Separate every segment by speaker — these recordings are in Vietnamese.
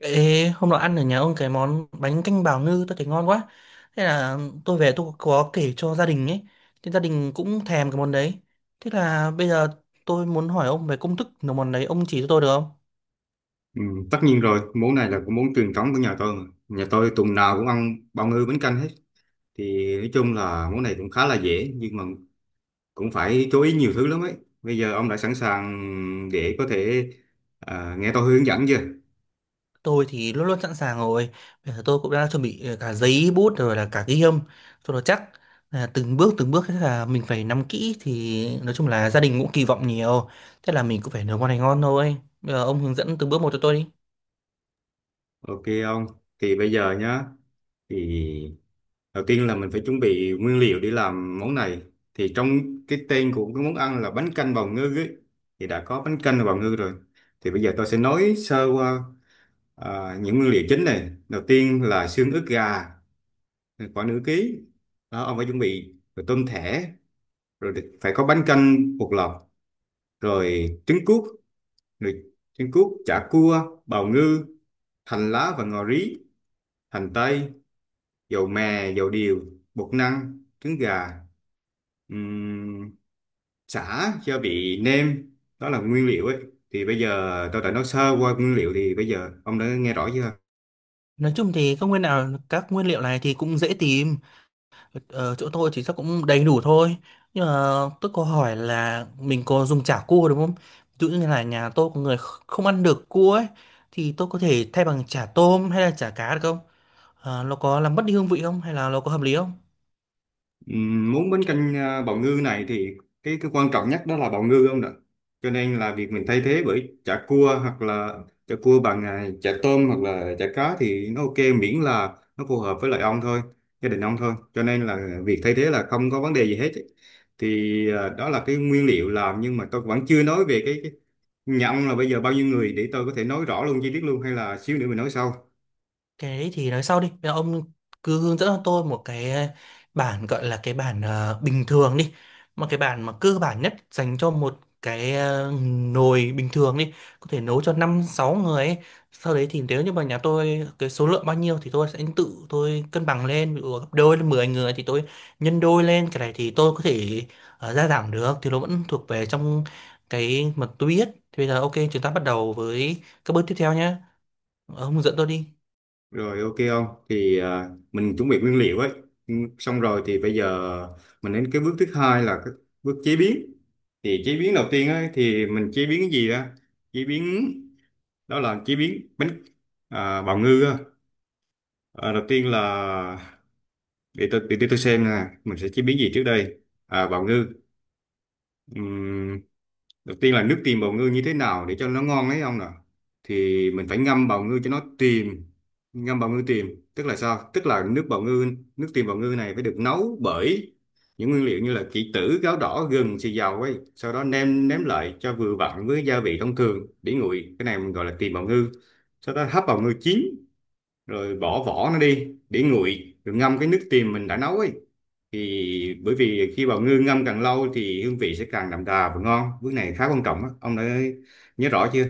Speaker 1: Ê, hôm nọ ăn ở nhà ông cái món bánh canh bào ngư tôi thấy ngon quá. Thế là tôi về có kể cho gia đình ấy. Thì gia đình cũng thèm cái món đấy. Thế là bây giờ tôi muốn hỏi ông về công thức nấu món đấy, ông chỉ cho tôi được không?
Speaker 2: Ừ, tất nhiên rồi, món này là cái món truyền thống của nhà tôi mà. Nhà tôi tuần nào cũng ăn bào ngư bánh canh hết. Thì nói chung là món này cũng khá là dễ nhưng mà cũng phải chú ý nhiều thứ lắm ấy. Bây giờ ông đã sẵn sàng để có thể nghe tôi hướng dẫn chưa?
Speaker 1: Tôi thì luôn luôn sẵn sàng rồi. Bây giờ tôi cũng đã chuẩn bị cả giấy bút rồi là cả ghi âm cho nó chắc. Là từng bước thế là mình phải nắm kỹ thì nói chung là gia đình cũng kỳ vọng nhiều. Thế là mình cũng phải nấu món này ngon thôi. Bây giờ ông hướng dẫn từng bước một cho tôi đi.
Speaker 2: Ok ông. Thì bây giờ nhá, thì đầu tiên là mình phải chuẩn bị nguyên liệu để làm món này. Thì trong cái tên của cái món ăn là bánh canh bào ngư ấy, thì đã có bánh canh và bào ngư rồi. Thì bây giờ tôi sẽ nói sơ qua. Những nguyên liệu chính này, đầu tiên là xương ức gà khoảng nửa ký, đó ông phải chuẩn bị, rồi tôm thẻ, rồi phải có bánh canh bột lọc, rồi trứng cút, rồi trứng cút chả cua, bào ngư, hành lá và ngò rí, hành tây, dầu mè, dầu điều, bột năng, trứng gà, ừm, sả, gia vị nêm. Đó là nguyên liệu ấy. Thì bây giờ tôi đã nói sơ qua nguyên liệu, thì bây giờ ông đã nghe rõ chưa?
Speaker 1: Nói chung thì các nguyên liệu này thì cũng dễ tìm, ở chỗ tôi thì chắc cũng đầy đủ thôi, nhưng mà tôi có hỏi là mình có dùng chả cua đúng không? Ví dụ như là nhà tôi có người không ăn được cua ấy, thì tôi có thể thay bằng chả tôm hay là chả cá được không? Ờ, nó có làm mất đi hương vị không, hay là nó có hợp lý không?
Speaker 2: Muốn bánh canh bào ngư này thì cái quan trọng nhất đó là bào ngư, không ạ? Cho nên là việc mình thay thế bởi chả cua, hoặc là chả cua bằng à, chả tôm hoặc là chả cá thì nó ok, miễn là nó phù hợp với lại ông thôi, gia đình ông thôi. Cho nên là việc thay thế là không có vấn đề gì hết ấy. Thì đó là cái nguyên liệu làm, nhưng mà tôi vẫn chưa nói về cái nhà ông là bây giờ bao nhiêu người, để tôi có thể nói rõ luôn chi tiết luôn hay là xíu nữa mình nói sau.
Speaker 1: Cái đấy thì nói sau đi, bây giờ ông cứ hướng dẫn cho tôi một cái bản, gọi là cái bản bình thường đi, một cái bản mà cơ bản nhất dành cho một cái nồi bình thường đi, có thể nấu cho năm sáu người ấy. Sau đấy thì nếu như mà nhà tôi cái số lượng bao nhiêu thì tôi sẽ tự tôi cân bằng lên, ví dụ gấp đôi lên 10 người thì tôi nhân đôi lên, cái này thì tôi có thể gia giảm được, thì nó vẫn thuộc về trong cái mà tôi biết. Thì bây giờ ok, chúng ta bắt đầu với các bước tiếp theo nhé, ông hướng dẫn tôi đi.
Speaker 2: Rồi, ok không? Thì mình chuẩn bị nguyên liệu ấy. Ừ, xong rồi thì bây giờ mình đến cái bước thứ hai là cái bước chế biến. Thì chế biến đầu tiên ấy thì mình chế biến cái gì á? Chế biến đó là chế biến bánh bào ngư á. À, đầu tiên là để tôi xem nè, mình sẽ chế biến gì trước đây? À, bào ngư. Đầu tiên là nước tìm bào ngư như thế nào để cho nó ngon ấy ông nè, thì mình phải ngâm bào ngư cho nó tìm. Ngâm bào ngư tìm tức là sao? Tức là nước bào ngư, nước tìm bào ngư này phải được nấu bởi những nguyên liệu như là kỷ tử, gáo đỏ, gừng, xì dầu ấy, sau đó nêm nếm lại cho vừa vặn với gia vị thông thường, để nguội, cái này mình gọi là tìm bào ngư. Sau đó hấp bào ngư chín rồi bỏ vỏ nó đi, để nguội rồi ngâm cái nước tìm mình đã nấu ấy, thì bởi vì khi bào ngư ngâm càng lâu thì hương vị sẽ càng đậm đà và ngon. Bước này khá quan trọng á, ông đã nhớ rõ chưa?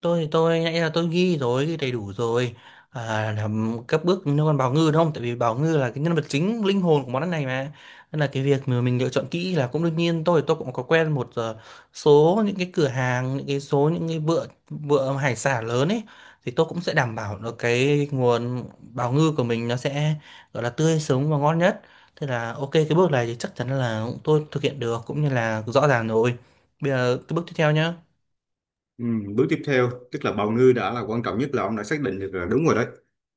Speaker 1: Tôi thì nãy là tôi ghi rồi, ghi đầy đủ rồi, à, làm các bước liên quan bào Ngư đúng không? Tại vì bào Ngư là cái nhân vật chính, linh hồn của món ăn này mà, nên là cái việc mà mình lựa chọn kỹ là cũng đương nhiên. Tôi cũng có quen một số những cái cửa hàng, những cái số những cái bữa bữa hải sản lớn ấy, thì tôi cũng sẽ đảm bảo được cái nguồn bào Ngư của mình, nó sẽ gọi là tươi sống và ngon nhất. Thế là ok, cái bước này thì chắc chắn là tôi thực hiện được cũng như là rõ ràng rồi. Bây giờ cái bước tiếp theo nhá.
Speaker 2: Ừ, bước tiếp theo, tức là bào ngư đã là quan trọng nhất, là ông đã xác định được là đúng rồi đấy,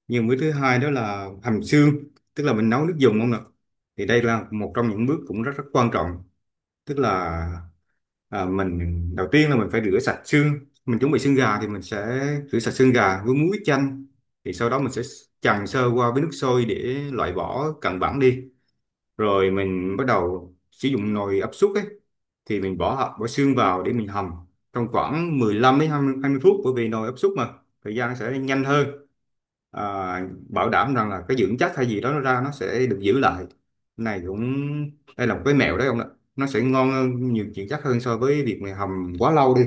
Speaker 2: nhưng bước thứ hai đó là hầm xương, tức là mình nấu nước dùng ông ạ. Thì đây là một trong những bước cũng rất rất quan trọng. Tức là mình đầu tiên là mình phải rửa sạch xương. Mình chuẩn bị xương gà thì mình sẽ rửa sạch xương gà với muối, ít chanh, thì sau đó mình sẽ chần sơ qua với nước sôi để loại bỏ cặn bẩn đi, rồi mình bắt đầu sử dụng nồi áp suất ấy. Thì mình bỏ bỏ xương vào để mình hầm trong khoảng 15 đến hai mươi phút, bởi vì nồi áp suất mà thời gian sẽ nhanh hơn. à, Bảo đảm rằng là cái dưỡng chất hay gì đó nó ra, nó sẽ được giữ lại. Này cũng, đây là một cái mẹo đấy ông ạ, nó sẽ ngon hơn, nhiều dưỡng chất hơn so với việc mình hầm quá lâu đi.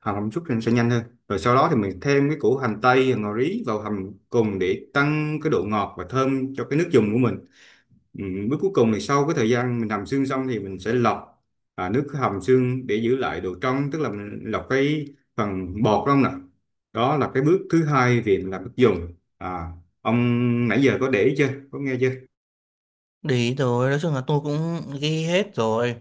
Speaker 2: Hầm hầm chút thì nó sẽ nhanh hơn, rồi sau đó thì mình thêm cái củ hành tây, hành ngò rí vào hầm cùng để tăng cái độ ngọt và thơm cho cái nước dùng của mình. Ừ, bước cuối cùng thì sau cái thời gian mình hầm xương xong thì mình sẽ lọc nước hầm xương để giữ lại độ trong, tức là mình lọc cái phần bọt không nè. Đó là cái bước thứ hai, việc làm nước dùng. À, ông nãy giờ có để ý chưa, có nghe chưa?
Speaker 1: Để ý rồi, nói chung là tôi cũng ghi hết rồi.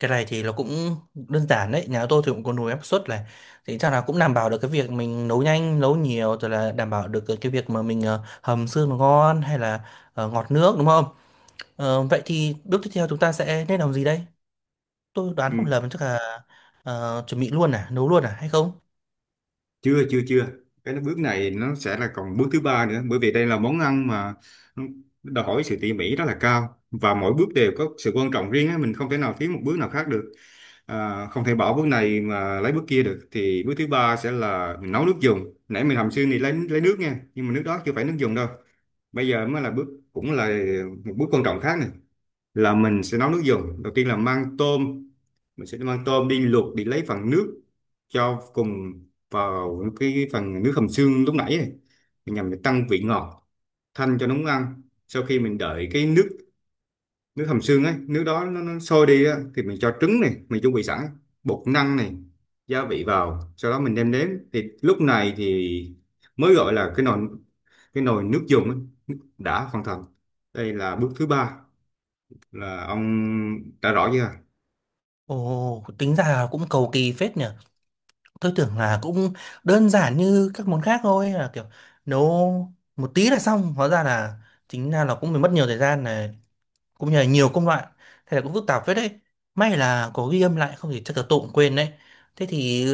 Speaker 1: Cái này thì nó cũng đơn giản đấy, nhà tôi thì cũng có nồi áp suất này. Thì chắc là cũng đảm bảo được cái việc mình nấu nhanh, nấu nhiều, rồi là đảm bảo được cái việc mà mình hầm xương nó ngon, hay là ngọt nước đúng không? Ờ, vậy thì bước tiếp theo chúng ta sẽ nên làm gì đây? Tôi đoán
Speaker 2: Ừ,
Speaker 1: không lầm chắc là chuẩn bị luôn à, nấu luôn à hay không?
Speaker 2: chưa chưa chưa, cái bước này nó sẽ là còn bước thứ ba nữa, bởi vì đây là món ăn mà nó đòi hỏi sự tỉ mỉ rất là cao và mỗi bước đều có sự quan trọng riêng á, mình không thể nào thiếu một bước nào khác được. À, không thể bỏ bước này mà lấy bước kia được. Thì bước thứ ba sẽ là mình nấu nước dùng. Nãy mình hầm xương thì lấy nước nha, nhưng mà nước đó chưa phải nước dùng đâu. Bây giờ mới là bước cũng là một bước quan trọng khác này, là mình sẽ nấu nước dùng. Đầu tiên là mang tôm, mình sẽ mang tôm đi luộc để lấy phần nước cho cùng vào cái phần nước hầm xương lúc nãy này, nhằm để tăng vị ngọt thanh cho nóng ăn. Sau khi mình đợi cái nước, nước hầm xương ấy, nước đó nó sôi đi á, thì mình cho trứng này mình chuẩn bị sẵn, bột năng này, gia vị vào, sau đó mình đem đến thì lúc này thì mới gọi là cái nồi, cái nồi nước dùng ấy, đã hoàn thành. Đây là bước thứ ba, là ông đã rõ chưa?
Speaker 1: Ồ, tính ra là cũng cầu kỳ phết nhỉ. Tôi tưởng là cũng đơn giản như các món khác thôi, là kiểu nấu một tí là xong, hóa ra là chính ra là cũng phải mất nhiều thời gian này, cũng như là nhiều công đoạn, thế là cũng phức tạp phết đấy. May là có ghi âm lại, không thì chắc là tôi cũng quên đấy. Thế thì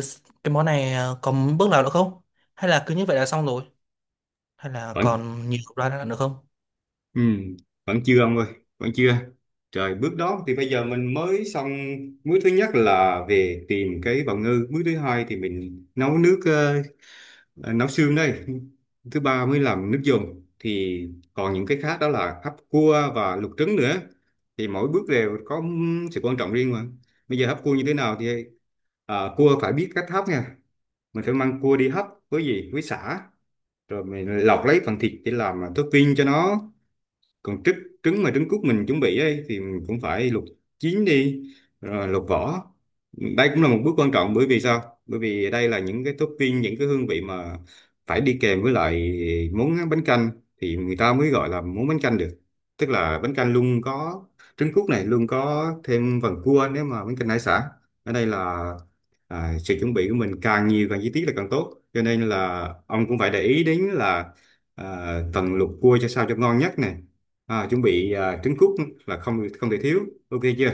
Speaker 1: cái món này à, có bước nào nữa không, hay là cứ như vậy là xong rồi, hay là
Speaker 2: Vẫn,
Speaker 1: còn nhiều công đoạn nữa không?
Speaker 2: ừ, vẫn chưa ông ơi, vẫn chưa. Trời, bước đó thì bây giờ mình mới xong. Bước thứ nhất là về tìm cái bào ngư, bước thứ hai thì mình nấu nước nấu xương đây, thứ ba mới làm nước dùng. Thì còn những cái khác đó là hấp cua và luộc trứng nữa, thì mỗi bước đều có sự quan trọng riêng mà. Bây giờ hấp cua như thế nào thì cua phải biết cách hấp nha. Mình phải mang cua đi hấp với gì, với sả, rồi mình lọc lấy phần thịt để làm topping cho nó. Còn trứng, trứng mà trứng cút mình chuẩn bị ấy, thì mình cũng phải luộc chín đi, rồi luộc vỏ. Đây cũng là một bước quan trọng, bởi vì sao? Bởi vì đây là những cái topping, những cái hương vị mà phải đi kèm với lại món bánh canh thì người ta mới gọi là món bánh canh được. Tức là bánh canh luôn có trứng cút này, luôn có thêm phần cua nếu mà bánh canh hải sản. Ở đây là sự chuẩn bị của mình càng nhiều càng chi tiết là càng tốt, cho nên là ông cũng phải để ý đến là tầng luộc cua cho sao cho ngon nhất này. Chuẩn bị trứng cút là không không thể thiếu. Ok chưa?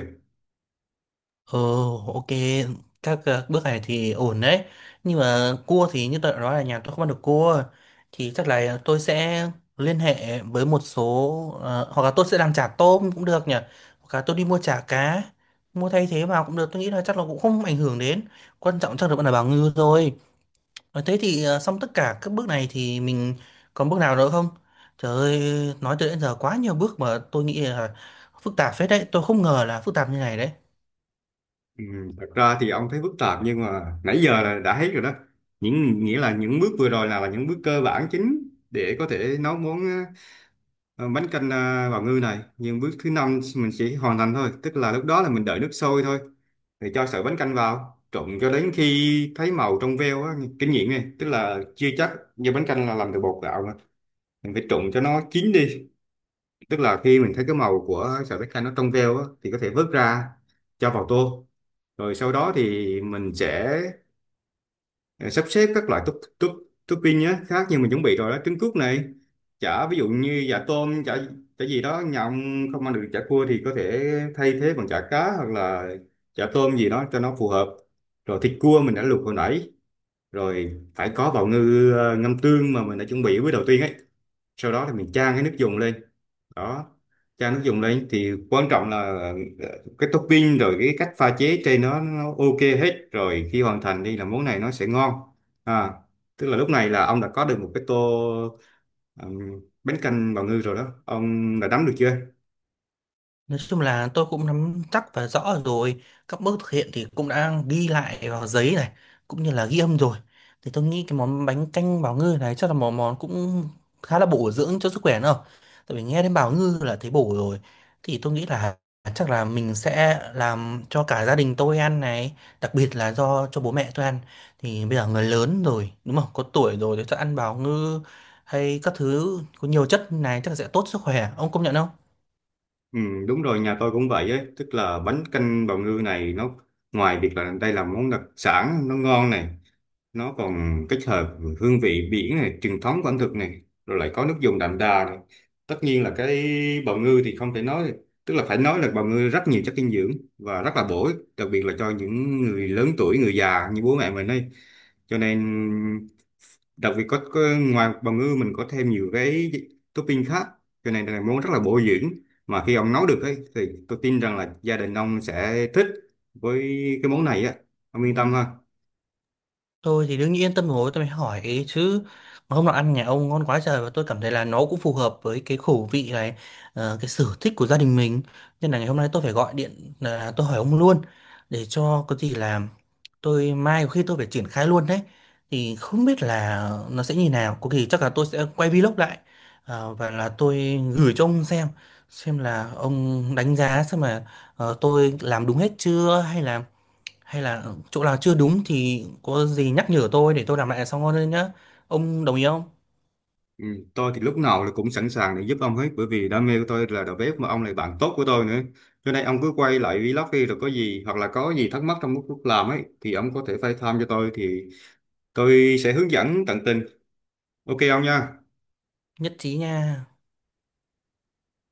Speaker 1: Ồ, ok, các bước này thì ổn đấy. Nhưng mà cua thì như tôi đã nói là nhà tôi không ăn được cua. Thì chắc là tôi sẽ liên hệ với một số, ờ, hoặc là tôi sẽ làm chả tôm cũng được nhỉ. Hoặc là tôi đi mua chả cá, mua thay thế vào cũng được. Tôi nghĩ là chắc là cũng không ảnh hưởng đến. Quan trọng chắc là vẫn là bào ngư thôi. Nói thế thì ờ, xong tất cả các bước này thì mình còn bước nào nữa không? Trời ơi, nói tới đến giờ quá nhiều bước mà tôi nghĩ là phức tạp phết đấy. Tôi không ngờ là phức tạp như này đấy.
Speaker 2: Ừ, thật ra thì ông thấy phức tạp, nhưng mà nãy giờ là đã thấy rồi đó, những nghĩa là những bước vừa rồi là những bước cơ bản chính để có thể nấu món bánh canh bào ngư này. Nhưng bước thứ năm mình chỉ hoàn thành thôi, tức là lúc đó là mình đợi nước sôi thôi, thì cho sợi bánh canh vào trộn cho đến khi thấy màu trong veo á. Kinh nghiệm này tức là chưa chắc như bánh canh là làm từ bột gạo mà mình phải trộn cho nó chín đi, tức là khi mình thấy cái màu của sợi bách canh nó trong veo á, thì có thể vớt ra cho vào tô. Rồi sau đó thì mình sẽ ờ, sắp xếp các loại top top topping á, khác như mình chuẩn bị rồi đó: trứng cút này, chả ví dụ như chả tôm, chả chả gì đó, nhà ông không ăn được chả cua thì có thể thay thế bằng chả cá hoặc là chả tôm gì đó cho nó phù hợp, rồi thịt cua mình đã luộc hồi nãy, rồi phải có bào ngư ngâm tương mà mình đã chuẩn bị với đầu tiên ấy. Sau đó thì mình chan cái nước dùng lên. Đó, cha nó dùng lên thì quan trọng là cái topping rồi cái cách pha chế trên nó ok hết rồi, khi hoàn thành đi là món này nó sẽ ngon. à tức là lúc này là ông đã có được một cái tô, ừm, bánh canh bào ngư rồi đó. Ông đã nắm được chưa?
Speaker 1: Nói chung là tôi cũng nắm chắc và rõ rồi, các bước thực hiện thì cũng đã ghi lại vào giấy này cũng như là ghi âm rồi. Thì tôi nghĩ cái món bánh canh bào ngư này chắc là một món cũng khá là bổ dưỡng cho sức khỏe nữa, tại vì nghe đến bào ngư là thấy bổ rồi. Thì tôi nghĩ là chắc là mình sẽ làm cho cả gia đình tôi ăn này, đặc biệt là do cho bố mẹ tôi ăn. Thì bây giờ người lớn rồi đúng không, có tuổi rồi thì chắc ăn bào ngư hay các thứ có nhiều chất này chắc sẽ tốt sức khỏe, ông công nhận không?
Speaker 2: Ừ, đúng rồi, nhà tôi cũng vậy ấy, tức là bánh canh bào ngư này nó ngoài việc là đây là món đặc sản nó ngon này, nó còn kết hợp hương vị biển này, truyền thống của ẩm thực này, rồi lại có nước dùng đậm đà này. Tất nhiên là cái bào ngư thì không thể nói, tức là phải nói là bào ngư rất nhiều chất dinh dưỡng và rất là bổ ích, đặc biệt là cho những người lớn tuổi, người già như bố mẹ mình đây. Cho nên, đặc biệt có ngoài bào ngư mình có thêm nhiều cái topping khác, cho nên là món rất là bổ dưỡng mà khi ông nấu được ấy, thì tôi tin rằng là gia đình ông sẽ thích với cái món này á. Ông yên tâm ha.
Speaker 1: Tôi thì đương nhiên yên tâm rồi tôi mới hỏi ấy chứ. Mà hôm nọ ăn nhà ông ngon quá trời, và tôi cảm thấy là nó cũng phù hợp với cái khẩu vị này, cái sở thích của gia đình mình, nên là ngày hôm nay tôi phải gọi điện là tôi hỏi ông luôn, để cho có gì là tôi mai có khi tôi phải triển khai luôn đấy. Thì không biết là nó sẽ như nào, có khi chắc là tôi sẽ quay vlog lại, và là tôi gửi cho ông xem là ông đánh giá xem là tôi làm đúng hết chưa, hay là hay là chỗ nào chưa đúng thì có gì nhắc nhở tôi để tôi làm lại là xong hơn nhá, ông đồng ý không?
Speaker 2: Ừ, tôi thì lúc nào là cũng sẵn sàng để giúp ông hết, bởi vì đam mê của tôi là đầu bếp mà ông là bạn tốt của tôi nữa. Cho nên ông cứ quay lại vlog đi, rồi có gì hoặc là có gì thắc mắc trong lúc làm ấy thì ông có thể phải tham cho tôi, thì tôi sẽ hướng dẫn tận tình. Ok ông nha.
Speaker 1: Nhất trí nha.